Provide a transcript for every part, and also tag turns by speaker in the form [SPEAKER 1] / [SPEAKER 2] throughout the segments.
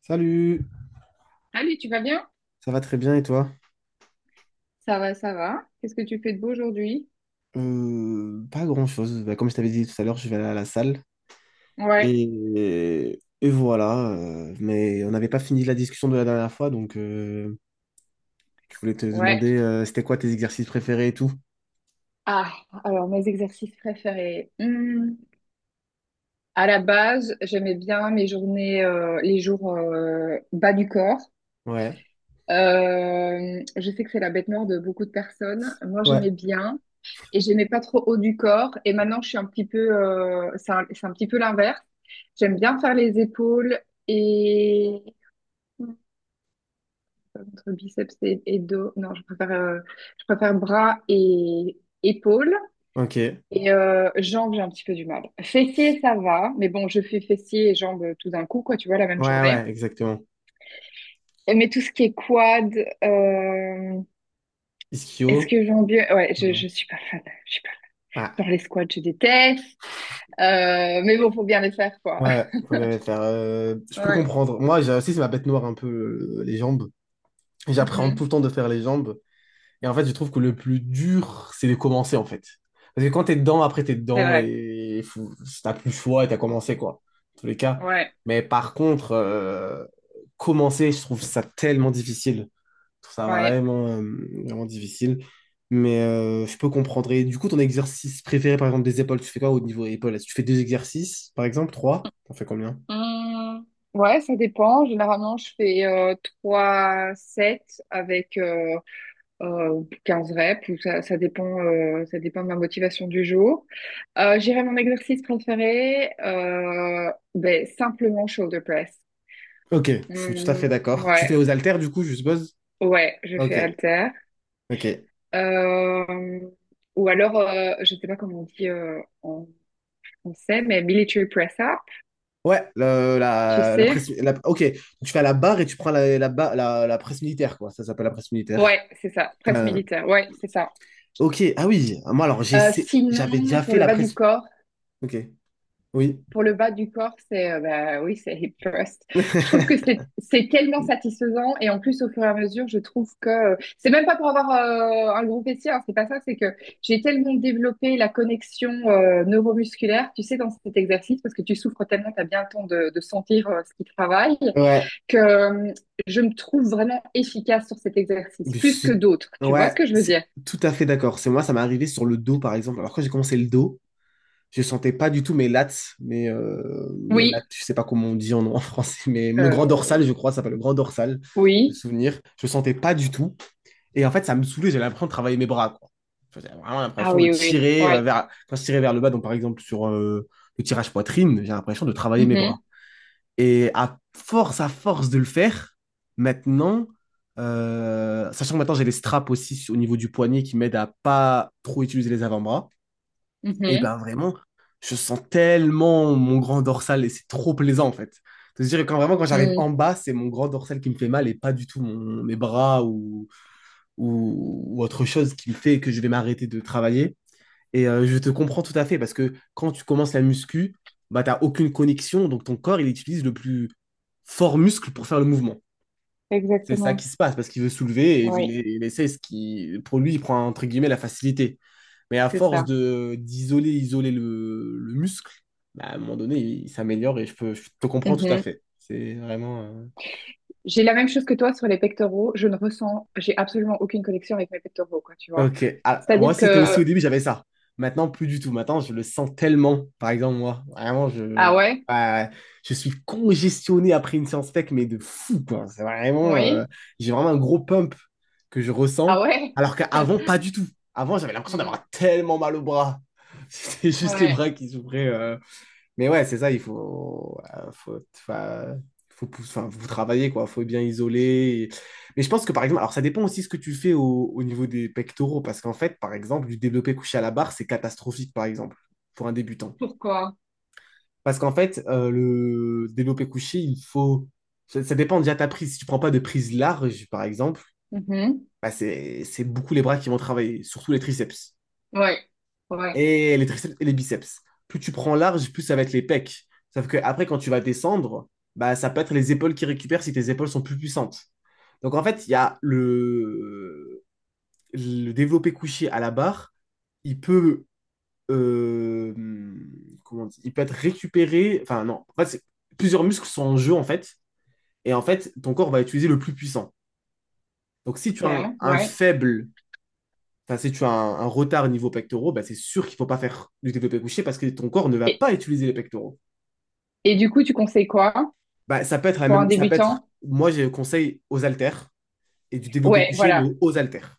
[SPEAKER 1] Salut,
[SPEAKER 2] Salut, tu vas bien?
[SPEAKER 1] ça va très bien et toi?
[SPEAKER 2] Ça va, ça va. Qu'est-ce que tu fais de beau aujourd'hui?
[SPEAKER 1] Pas grand-chose. Bah, comme je t'avais dit tout à l'heure, je vais aller à la salle.
[SPEAKER 2] Ouais,
[SPEAKER 1] Et voilà. Mais on n'avait pas fini la discussion de la dernière fois, donc je voulais te
[SPEAKER 2] ouais.
[SPEAKER 1] demander c'était quoi tes exercices préférés et tout.
[SPEAKER 2] Ah, alors mes exercices préférés. À la base, j'aimais bien mes journées, les jours bas du corps.
[SPEAKER 1] Ouais,
[SPEAKER 2] Je sais que c'est la bête noire de beaucoup de personnes. Moi,
[SPEAKER 1] ouais,
[SPEAKER 2] j'aimais bien et j'aimais pas trop haut du corps. Et maintenant, je suis un petit peu, c'est un petit peu l'inverse. J'aime bien faire les épaules et entre biceps et dos. Non, je préfère bras et épaules.
[SPEAKER 1] ok. Ouais,
[SPEAKER 2] Et jambes, j'ai un petit peu du mal. Fessiers, ça va. Mais bon, je fais fessiers et jambes tout d'un coup, quoi, tu vois, la même journée.
[SPEAKER 1] ouais, exactement.
[SPEAKER 2] Mais tout ce qui est quad, euh, est-ce
[SPEAKER 1] Ischio.
[SPEAKER 2] que j'en bien? Ouais, je,
[SPEAKER 1] euh,
[SPEAKER 2] je suis pas fan. Je suis pas
[SPEAKER 1] Ah,
[SPEAKER 2] fan. Genre les squats, je déteste. Mais bon, faut bien les faire, quoi.
[SPEAKER 1] ouais, faut bien les faire. Je peux
[SPEAKER 2] Ouais.
[SPEAKER 1] comprendre. Moi, j'ai aussi, c'est ma bête noire un peu, les jambes. J'appréhende tout le
[SPEAKER 2] Mhm.
[SPEAKER 1] temps de faire les jambes. Et en fait, je trouve que le plus dur, c'est de commencer, en fait. Parce que quand t'es dedans, après, t'es
[SPEAKER 2] C'est
[SPEAKER 1] dedans
[SPEAKER 2] vrai.
[SPEAKER 1] et t'as plus le choix et t'as commencé, quoi. En tous les cas.
[SPEAKER 2] Ouais.
[SPEAKER 1] Mais par contre, commencer, je trouve ça tellement difficile. Je trouve ça
[SPEAKER 2] Ouais.
[SPEAKER 1] vraiment, vraiment difficile. Mais je peux comprendre. Et du coup, ton exercice préféré, par exemple, des épaules, tu fais quoi au niveau épaules? Est-ce que tu fais deux exercices, par exemple, trois? T'en fais combien?
[SPEAKER 2] Hum, ouais, ça dépend. Généralement, je fais 3 sets avec 15 reps. Ou ça dépend de ma motivation du jour. J'irai mon exercice préféré, ben, simplement shoulder press.
[SPEAKER 1] Ok, je suis tout à fait
[SPEAKER 2] Hum,
[SPEAKER 1] d'accord. Tu
[SPEAKER 2] ouais,
[SPEAKER 1] fais aux haltères, du coup, je suppose?
[SPEAKER 2] ouais, je
[SPEAKER 1] Ok,
[SPEAKER 2] fais halter.
[SPEAKER 1] ok.
[SPEAKER 2] Euh, ou alors, je sais pas comment on dit en français, mais military press up,
[SPEAKER 1] Ouais,
[SPEAKER 2] tu
[SPEAKER 1] la presse.
[SPEAKER 2] sais?
[SPEAKER 1] La- ok, donc tu fais à la barre et tu prends la presse militaire, quoi. Ça s'appelle la presse militaire.
[SPEAKER 2] Ouais, c'est ça, presse
[SPEAKER 1] Euh,
[SPEAKER 2] militaire. Ouais, c'est ça.
[SPEAKER 1] ok, ah oui, moi alors j'avais
[SPEAKER 2] Sinon,
[SPEAKER 1] déjà
[SPEAKER 2] pour
[SPEAKER 1] fait
[SPEAKER 2] le
[SPEAKER 1] la
[SPEAKER 2] bas du
[SPEAKER 1] presse.
[SPEAKER 2] corps,
[SPEAKER 1] Ok, oui.
[SPEAKER 2] pour le bas du corps, c'est bah, oui, c'est hip thrust. Je trouve que c'est tellement satisfaisant et en plus au fur et à mesure, je trouve que c'est même pas pour avoir un gros fessier, hein, c'est pas ça, c'est que j'ai tellement développé la connexion neuromusculaire, tu sais, dans cet exercice parce que tu souffres tellement, t'as bien le temps de sentir ce qui travaille
[SPEAKER 1] Ouais,
[SPEAKER 2] que je me trouve vraiment efficace sur cet
[SPEAKER 1] mais
[SPEAKER 2] exercice, plus que d'autres. Tu vois ce
[SPEAKER 1] ouais,
[SPEAKER 2] que je veux
[SPEAKER 1] c'est
[SPEAKER 2] dire?
[SPEAKER 1] tout à fait d'accord. C'est moi, ça m'est arrivé sur le dos, par exemple. Alors quand j'ai commencé le dos, je sentais pas du tout mes lats, mais, mes lats,
[SPEAKER 2] Oui,
[SPEAKER 1] je sais pas comment on dit en français, mais le grand
[SPEAKER 2] euh,
[SPEAKER 1] dorsal, je crois, ça s'appelle le grand dorsal, de
[SPEAKER 2] oui.
[SPEAKER 1] souvenir. Je sentais pas du tout. Et en fait, ça me saoulait, j'avais l'impression de travailler mes bras, quoi. Enfin, j'avais vraiment
[SPEAKER 2] Ah
[SPEAKER 1] l'impression de
[SPEAKER 2] oui, oui, oui.
[SPEAKER 1] tirer
[SPEAKER 2] Ouais.
[SPEAKER 1] vers, quand je tirais vers le bas, donc par exemple sur le tirage poitrine, j'ai l'impression de travailler mes bras.
[SPEAKER 2] Mhm,
[SPEAKER 1] Et à force de le faire, maintenant, sachant que maintenant j'ai les straps aussi au niveau du poignet qui m'aident à pas trop utiliser les avant-bras, et
[SPEAKER 2] mhm,
[SPEAKER 1] ben vraiment, je sens tellement mon grand dorsal et c'est trop plaisant en fait. C'est-à-dire quand vraiment quand j'arrive en
[SPEAKER 2] mhm.
[SPEAKER 1] bas, c'est mon grand dorsal qui me fait mal et pas du tout mes bras ou, ou autre chose qui me fait que je vais m'arrêter de travailler. Et je te comprends tout à fait parce que quand tu commences la muscu, bah t'as aucune connexion, donc ton corps il utilise le plus fort muscle pour faire le mouvement. C'est ça
[SPEAKER 2] Exactement.
[SPEAKER 1] qui se passe parce qu'il veut soulever et il
[SPEAKER 2] Oui,
[SPEAKER 1] il essaie ce qui, pour lui, il prend entre guillemets la facilité. Mais à
[SPEAKER 2] c'est
[SPEAKER 1] force
[SPEAKER 2] ça.
[SPEAKER 1] de d'isoler, isoler le muscle, bah, à un moment donné, il s'améliore et je te comprends tout à
[SPEAKER 2] Mhm.
[SPEAKER 1] fait. C'est vraiment.
[SPEAKER 2] J'ai la même chose que toi sur les pectoraux. Je ne ressens, j'ai absolument aucune connexion avec mes pectoraux, quoi, tu vois.
[SPEAKER 1] Ok. Ah, moi,
[SPEAKER 2] C'est-à-dire
[SPEAKER 1] c'était aussi
[SPEAKER 2] que,
[SPEAKER 1] au début, j'avais ça. Maintenant, plus du tout. Maintenant, je le sens tellement. Par exemple, moi, vraiment,
[SPEAKER 2] ah ouais,
[SPEAKER 1] ah, je suis congestionné après une séance tech, mais de fou, quoi. C'est vraiment,
[SPEAKER 2] oui,
[SPEAKER 1] j'ai vraiment un gros pump que je
[SPEAKER 2] ah
[SPEAKER 1] ressens,
[SPEAKER 2] ouais,
[SPEAKER 1] alors qu'avant, pas du tout. Avant, j'avais l'impression
[SPEAKER 2] hmm,
[SPEAKER 1] d'avoir tellement mal au bras. C'était juste les
[SPEAKER 2] ouais,
[SPEAKER 1] bras qui s'ouvraient. Mais ouais, c'est ça, il faut, enfin, enfin, faut travailler, quoi. Faut bien isoler. Mais je pense que, par exemple, alors ça dépend aussi ce que tu fais au niveau des pectoraux, parce qu'en fait, par exemple, du développé couché à la barre, c'est catastrophique, par exemple, pour un débutant.
[SPEAKER 2] pourquoi?
[SPEAKER 1] Parce qu'en fait, le développé couché, il faut... Ça dépend déjà de ta prise. Si tu prends pas de prise large, par exemple,
[SPEAKER 2] Mhm,
[SPEAKER 1] bah, c'est beaucoup les bras qui vont travailler, surtout les triceps.
[SPEAKER 2] ouais, ouais,
[SPEAKER 1] Et les triceps et les biceps. Plus tu prends large, plus ça va être les pecs. Sauf que après, quand tu vas descendre, bah, ça peut être les épaules qui récupèrent si tes épaules sont plus puissantes. Donc en fait, il y a le développé couché à la barre, il peut, euh, comment on dit, il peut être récupéré. Enfin non, en fait, plusieurs muscles sont en jeu en fait, et en fait, ton corps va utiliser le plus puissant. Donc si tu as un,
[SPEAKER 2] ok,
[SPEAKER 1] un
[SPEAKER 2] ouais.
[SPEAKER 1] faible. Enfin, si tu as un retard niveau pectoraux, bah, c'est sûr qu'il ne faut pas faire du développé couché parce que ton corps ne va
[SPEAKER 2] Et,
[SPEAKER 1] pas utiliser les pectoraux.
[SPEAKER 2] et du coup, tu conseilles quoi
[SPEAKER 1] Bah, ça peut être la
[SPEAKER 2] pour un
[SPEAKER 1] même,
[SPEAKER 2] débutant?
[SPEAKER 1] moi, j'ai conseil aux haltères et du développé
[SPEAKER 2] Ouais,
[SPEAKER 1] couché, mais
[SPEAKER 2] voilà,
[SPEAKER 1] aux haltères.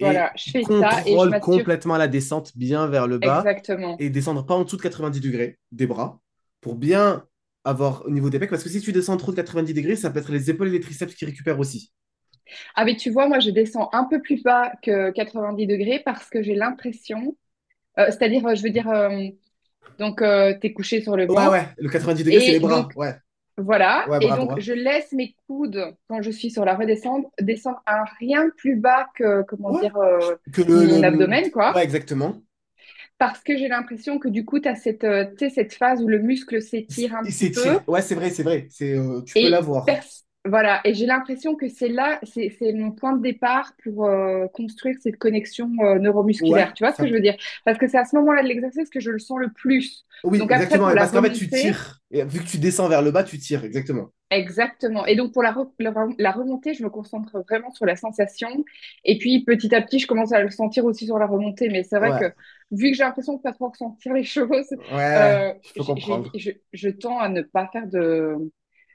[SPEAKER 1] Et
[SPEAKER 2] voilà,
[SPEAKER 1] tu
[SPEAKER 2] je fais ça et je
[SPEAKER 1] contrôles
[SPEAKER 2] m'assure
[SPEAKER 1] complètement la descente bien vers le bas
[SPEAKER 2] exactement.
[SPEAKER 1] et descendre pas en dessous de 90 degrés des bras pour bien avoir au niveau des pecs. Parce que si tu descends trop de 90 degrés, ça peut être les épaules et les triceps qui récupèrent aussi.
[SPEAKER 2] Ah mais tu vois, moi je descends un peu plus bas que 90 degrés parce que j'ai l'impression, c'est-à-dire, je veux dire, donc t'es couché sur le
[SPEAKER 1] Ouais,
[SPEAKER 2] banc
[SPEAKER 1] ouais, le 90 degrés, c'est les
[SPEAKER 2] et
[SPEAKER 1] bras.
[SPEAKER 2] donc
[SPEAKER 1] Ouais,
[SPEAKER 2] voilà,
[SPEAKER 1] ouais,
[SPEAKER 2] et
[SPEAKER 1] bras
[SPEAKER 2] donc
[SPEAKER 1] droit.
[SPEAKER 2] je laisse mes coudes quand je suis sur la redescente descendre à rien plus bas que comment
[SPEAKER 1] Ouais,
[SPEAKER 2] dire
[SPEAKER 1] que le,
[SPEAKER 2] mon
[SPEAKER 1] le...
[SPEAKER 2] abdomen
[SPEAKER 1] ouais,
[SPEAKER 2] quoi,
[SPEAKER 1] exactement.
[SPEAKER 2] parce que j'ai l'impression que du coup t'as cette, tu sais, cette phase où le muscle s'étire un
[SPEAKER 1] C'est
[SPEAKER 2] petit
[SPEAKER 1] c'est
[SPEAKER 2] peu.
[SPEAKER 1] tiré. Ouais, c'est vrai, c'est vrai. Tu peux
[SPEAKER 2] Et
[SPEAKER 1] l'avoir.
[SPEAKER 2] voilà, et j'ai l'impression que c'est là, c'est mon point de départ pour construire cette connexion
[SPEAKER 1] Ouais,
[SPEAKER 2] neuromusculaire. Tu vois ce que
[SPEAKER 1] ça...
[SPEAKER 2] je veux dire? Parce que c'est à ce moment-là de l'exercice que je le sens le plus.
[SPEAKER 1] Oui,
[SPEAKER 2] Donc après,
[SPEAKER 1] exactement.
[SPEAKER 2] pour
[SPEAKER 1] Et
[SPEAKER 2] la
[SPEAKER 1] parce qu'en fait, tu
[SPEAKER 2] remontée,
[SPEAKER 1] tires. Et vu que tu descends vers le bas, tu tires, exactement.
[SPEAKER 2] exactement.
[SPEAKER 1] Ouais,
[SPEAKER 2] Et donc pour la remontée, je me concentre vraiment sur la sensation. Et puis petit à petit, je commence à le sentir aussi sur la remontée. Mais c'est vrai
[SPEAKER 1] ouais,
[SPEAKER 2] que vu que j'ai l'impression de pas trop ressentir les choses,
[SPEAKER 1] ouais, ouais,
[SPEAKER 2] euh,
[SPEAKER 1] je peux
[SPEAKER 2] j'ai, j'ai-
[SPEAKER 1] comprendre.
[SPEAKER 2] je, je tends à ne pas faire de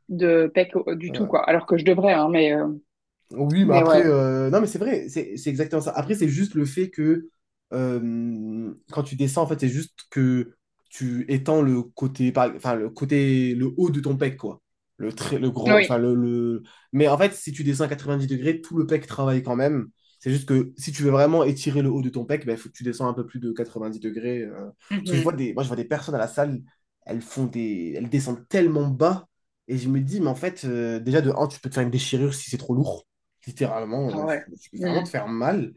[SPEAKER 2] de PEC du tout,
[SPEAKER 1] Ouais.
[SPEAKER 2] quoi. Alors que je devrais, hein, mais.
[SPEAKER 1] Oui, mais
[SPEAKER 2] Mais
[SPEAKER 1] après,
[SPEAKER 2] ouais.
[SPEAKER 1] non, mais c'est vrai, c'est exactement ça. Après, c'est juste le fait que quand tu descends, en fait, c'est juste que tu étends le côté, enfin, le côté, le haut de ton pec, quoi. Le très, le gros, enfin,
[SPEAKER 2] Oui.
[SPEAKER 1] le- Mais en fait, si tu descends à 90 degrés, tout le pec travaille quand même. C'est juste que si tu veux vraiment étirer le haut de ton pec, ben, il faut que tu descends un peu plus de 90 degrés. Parce que
[SPEAKER 2] Mhm.
[SPEAKER 1] moi, je vois des personnes à la salle, elles descendent tellement bas. Et je me dis, mais en fait, déjà de un tu peux te faire une déchirure si c'est trop lourd littéralement,
[SPEAKER 2] Ah ouais.
[SPEAKER 1] tu peux vraiment
[SPEAKER 2] Mm.
[SPEAKER 1] te faire mal.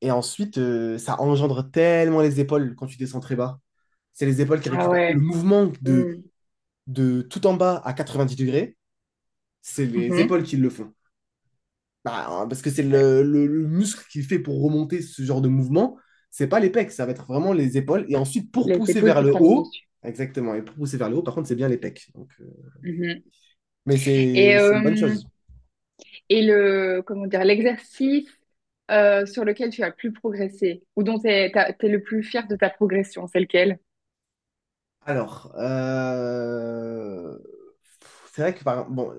[SPEAKER 1] Et ensuite, ça engendre tellement les épaules quand tu descends très bas. C'est les épaules qui
[SPEAKER 2] Ah
[SPEAKER 1] récupèrent. Le
[SPEAKER 2] ouais.
[SPEAKER 1] mouvement de,
[SPEAKER 2] Mm.
[SPEAKER 1] de tout en bas à 90 degrés, c'est les
[SPEAKER 2] Mhm.
[SPEAKER 1] épaules qui le font. Bah, hein, parce que c'est
[SPEAKER 2] Ouais.
[SPEAKER 1] le muscle qui fait pour remonter ce genre de mouvement. C'est pas les pecs, ça va être vraiment les épaules. Et ensuite, pour
[SPEAKER 2] Les
[SPEAKER 1] pousser
[SPEAKER 2] épaules
[SPEAKER 1] vers
[SPEAKER 2] qui
[SPEAKER 1] le
[SPEAKER 2] prennent le
[SPEAKER 1] haut,
[SPEAKER 2] dessus.
[SPEAKER 1] exactement, et pour pousser vers le haut, par contre, c'est bien les pecs. Donc,
[SPEAKER 2] Mhm.
[SPEAKER 1] mais
[SPEAKER 2] Et,
[SPEAKER 1] c'est une bonne
[SPEAKER 2] euh,
[SPEAKER 1] chose.
[SPEAKER 2] et le, comment dire, l'exercice sur lequel tu as le plus progressé ou dont tu es le plus fier de ta progression, c'est lequel?
[SPEAKER 1] Alors, c'est vrai que bon,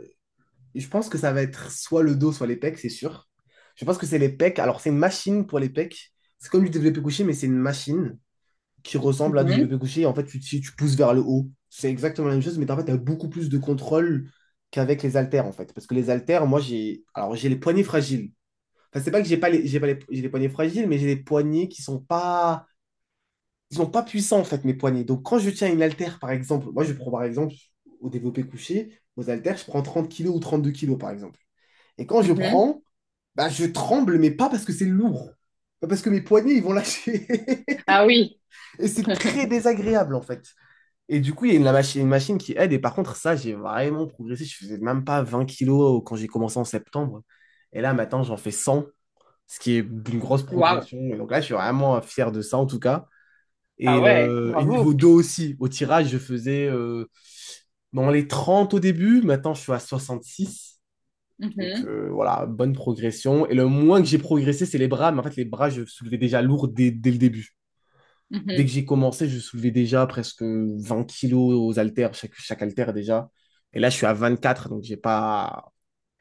[SPEAKER 1] je pense que ça va être soit le dos, soit les pecs, c'est sûr. Je pense que c'est les pecs. Alors, c'est une machine pour les pecs. C'est comme du développé couché, mais c'est une machine qui ressemble à du
[SPEAKER 2] Mhm.
[SPEAKER 1] développé couché. Et en fait, tu pousses vers le haut. C'est exactement la même chose, mais en fait, tu as beaucoup plus de contrôle qu'avec les haltères, en fait. Parce que les haltères, moi, j'ai alors j'ai les poignets fragiles. Enfin, c'est pas que j'ai pas les, j'ai pas les, j'ai les poignets fragiles, mais j'ai les poignets qui sont pas, ils n'ont pas puissant en fait mes poignets. Donc quand je tiens une haltère par exemple, moi je prends par exemple au développé couché, aux haltères, je prends 30 kilos ou 32 kilos par exemple. Et quand je
[SPEAKER 2] Mhm.
[SPEAKER 1] prends, bah, je tremble, mais pas parce que c'est lourd. Pas parce que mes poignets, ils vont lâcher.
[SPEAKER 2] Ah oui.
[SPEAKER 1] Et c'est très désagréable en fait. Et du coup, il y a une machine qui aide. Et par contre, ça, j'ai vraiment progressé. Je faisais même pas 20 kilos quand j'ai commencé en septembre. Et là, maintenant, j'en fais 100, ce qui est une grosse
[SPEAKER 2] Waouh.
[SPEAKER 1] progression. Et donc là, je suis vraiment fier de ça en tout cas.
[SPEAKER 2] Ah
[SPEAKER 1] Et,
[SPEAKER 2] ouais.
[SPEAKER 1] euh, et
[SPEAKER 2] Bravo.
[SPEAKER 1] niveau dos aussi, au tirage, je faisais dans les 30 au début, maintenant je suis à 66. Donc
[SPEAKER 2] Mhm.
[SPEAKER 1] voilà, bonne progression. Et le moins que j'ai progressé, c'est les bras. Mais en fait, les bras, je soulevais déjà lourd dès le début. Dès
[SPEAKER 2] Mhm.
[SPEAKER 1] que j'ai commencé, je soulevais déjà presque 20 kilos aux haltères, chaque haltère déjà. Et là, je suis à 24. Donc j'ai pas.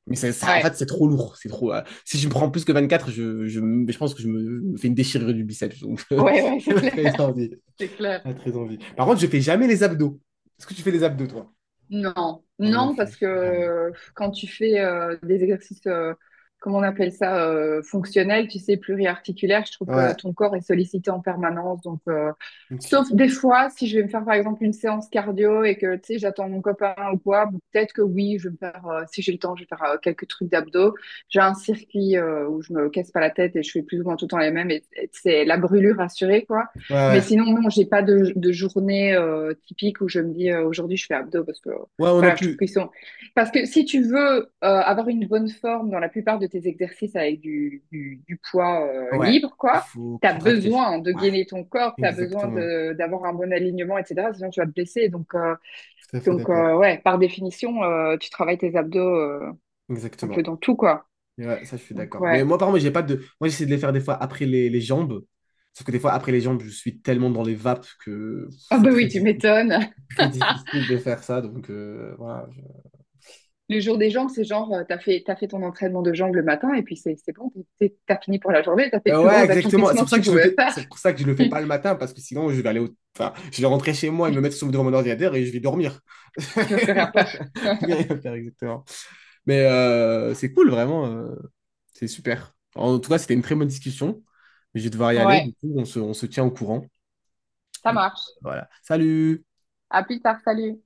[SPEAKER 1] Mais ça, en
[SPEAKER 2] Ouais.
[SPEAKER 1] fait, c'est trop lourd. C'est trop. Si je me prends plus que 24, je pense que je me fais une déchirure du biceps. Donc, j'ai
[SPEAKER 2] Ouais, ouais, c'est
[SPEAKER 1] pas
[SPEAKER 2] clair.
[SPEAKER 1] très envie.
[SPEAKER 2] C'est clair.
[SPEAKER 1] Pas très envie. Par contre, je fais jamais les abdos. Est-ce que tu fais les abdos, toi?
[SPEAKER 2] Non,
[SPEAKER 1] Non, non
[SPEAKER 2] non, parce que
[SPEAKER 1] plus, jamais.
[SPEAKER 2] quand tu fais des exercices, comment on appelle ça, fonctionnels, tu sais, pluriarticulaires, je trouve que
[SPEAKER 1] Ouais,
[SPEAKER 2] ton corps est sollicité en permanence. Donc,
[SPEAKER 1] ok.
[SPEAKER 2] sauf des fois, si je vais me faire par exemple une séance cardio et que tu sais, j'attends mon copain ou quoi, bon, peut-être que oui, je vais me faire, si j'ai le temps, je vais faire quelques trucs d'abdos. J'ai un circuit où je me casse pas la tête et je fais plus ou moins tout le temps les mêmes et c'est la brûlure assurée, quoi.
[SPEAKER 1] Ouais,
[SPEAKER 2] Mais
[SPEAKER 1] ouais.
[SPEAKER 2] sinon, non, j'ai pas de journée typique où je me dis aujourd'hui je fais abdos parce que
[SPEAKER 1] Ouais, moi non
[SPEAKER 2] voilà, je trouve
[SPEAKER 1] plus.
[SPEAKER 2] qu'ils sont. Parce que si tu veux avoir une bonne forme dans la plupart de tes exercices avec du poids
[SPEAKER 1] Ouais,
[SPEAKER 2] libre,
[SPEAKER 1] il
[SPEAKER 2] quoi,
[SPEAKER 1] faut
[SPEAKER 2] t'as
[SPEAKER 1] contracter.
[SPEAKER 2] besoin de
[SPEAKER 1] Ouais,
[SPEAKER 2] gainer ton corps, t'as besoin
[SPEAKER 1] exactement.
[SPEAKER 2] de d'avoir un bon alignement, etc. Sinon tu vas te blesser. Donc euh,
[SPEAKER 1] Tout à fait
[SPEAKER 2] donc euh,
[SPEAKER 1] d'accord.
[SPEAKER 2] ouais, par définition, tu travailles tes abdos un peu
[SPEAKER 1] Exactement.
[SPEAKER 2] dans tout, quoi.
[SPEAKER 1] Et ouais, ça, je suis
[SPEAKER 2] Donc
[SPEAKER 1] d'accord. Mais
[SPEAKER 2] ouais.
[SPEAKER 1] moi, par contre, j'ai pas de. Moi, j'essaie de les faire des fois après les jambes. Sauf que des fois, après les jambes, je suis tellement dans les vapes que
[SPEAKER 2] Ah
[SPEAKER 1] c'est
[SPEAKER 2] bah
[SPEAKER 1] très,
[SPEAKER 2] oui, tu m'étonnes.
[SPEAKER 1] très difficile de faire ça. Donc, voilà.
[SPEAKER 2] Le jour des jambes, c'est genre, t'as fait ton entraînement de jambes le matin et puis c'est bon, t'as fini pour la journée, t'as fait le plus
[SPEAKER 1] Ouais,
[SPEAKER 2] gros
[SPEAKER 1] exactement. C'est
[SPEAKER 2] accomplissement
[SPEAKER 1] pour
[SPEAKER 2] que
[SPEAKER 1] ça
[SPEAKER 2] tu
[SPEAKER 1] que je le
[SPEAKER 2] pouvais
[SPEAKER 1] fais.
[SPEAKER 2] faire.
[SPEAKER 1] C'est pour ça que je le fais pas le matin parce que sinon je vais aller au... Enfin, je vais rentrer chez moi et me mettre sous devant mon ordinateur et je vais dormir.
[SPEAKER 2] Tu vas plus rien faire.
[SPEAKER 1] Je vais rien faire exactement. Mais c'est cool vraiment. C'est super. En tout cas, c'était une très bonne discussion. Je vais devoir y aller. Du
[SPEAKER 2] Ouais,
[SPEAKER 1] coup, on se tient au courant.
[SPEAKER 2] ça
[SPEAKER 1] Donc,
[SPEAKER 2] marche.
[SPEAKER 1] voilà. Salut.
[SPEAKER 2] À plus tard, salut.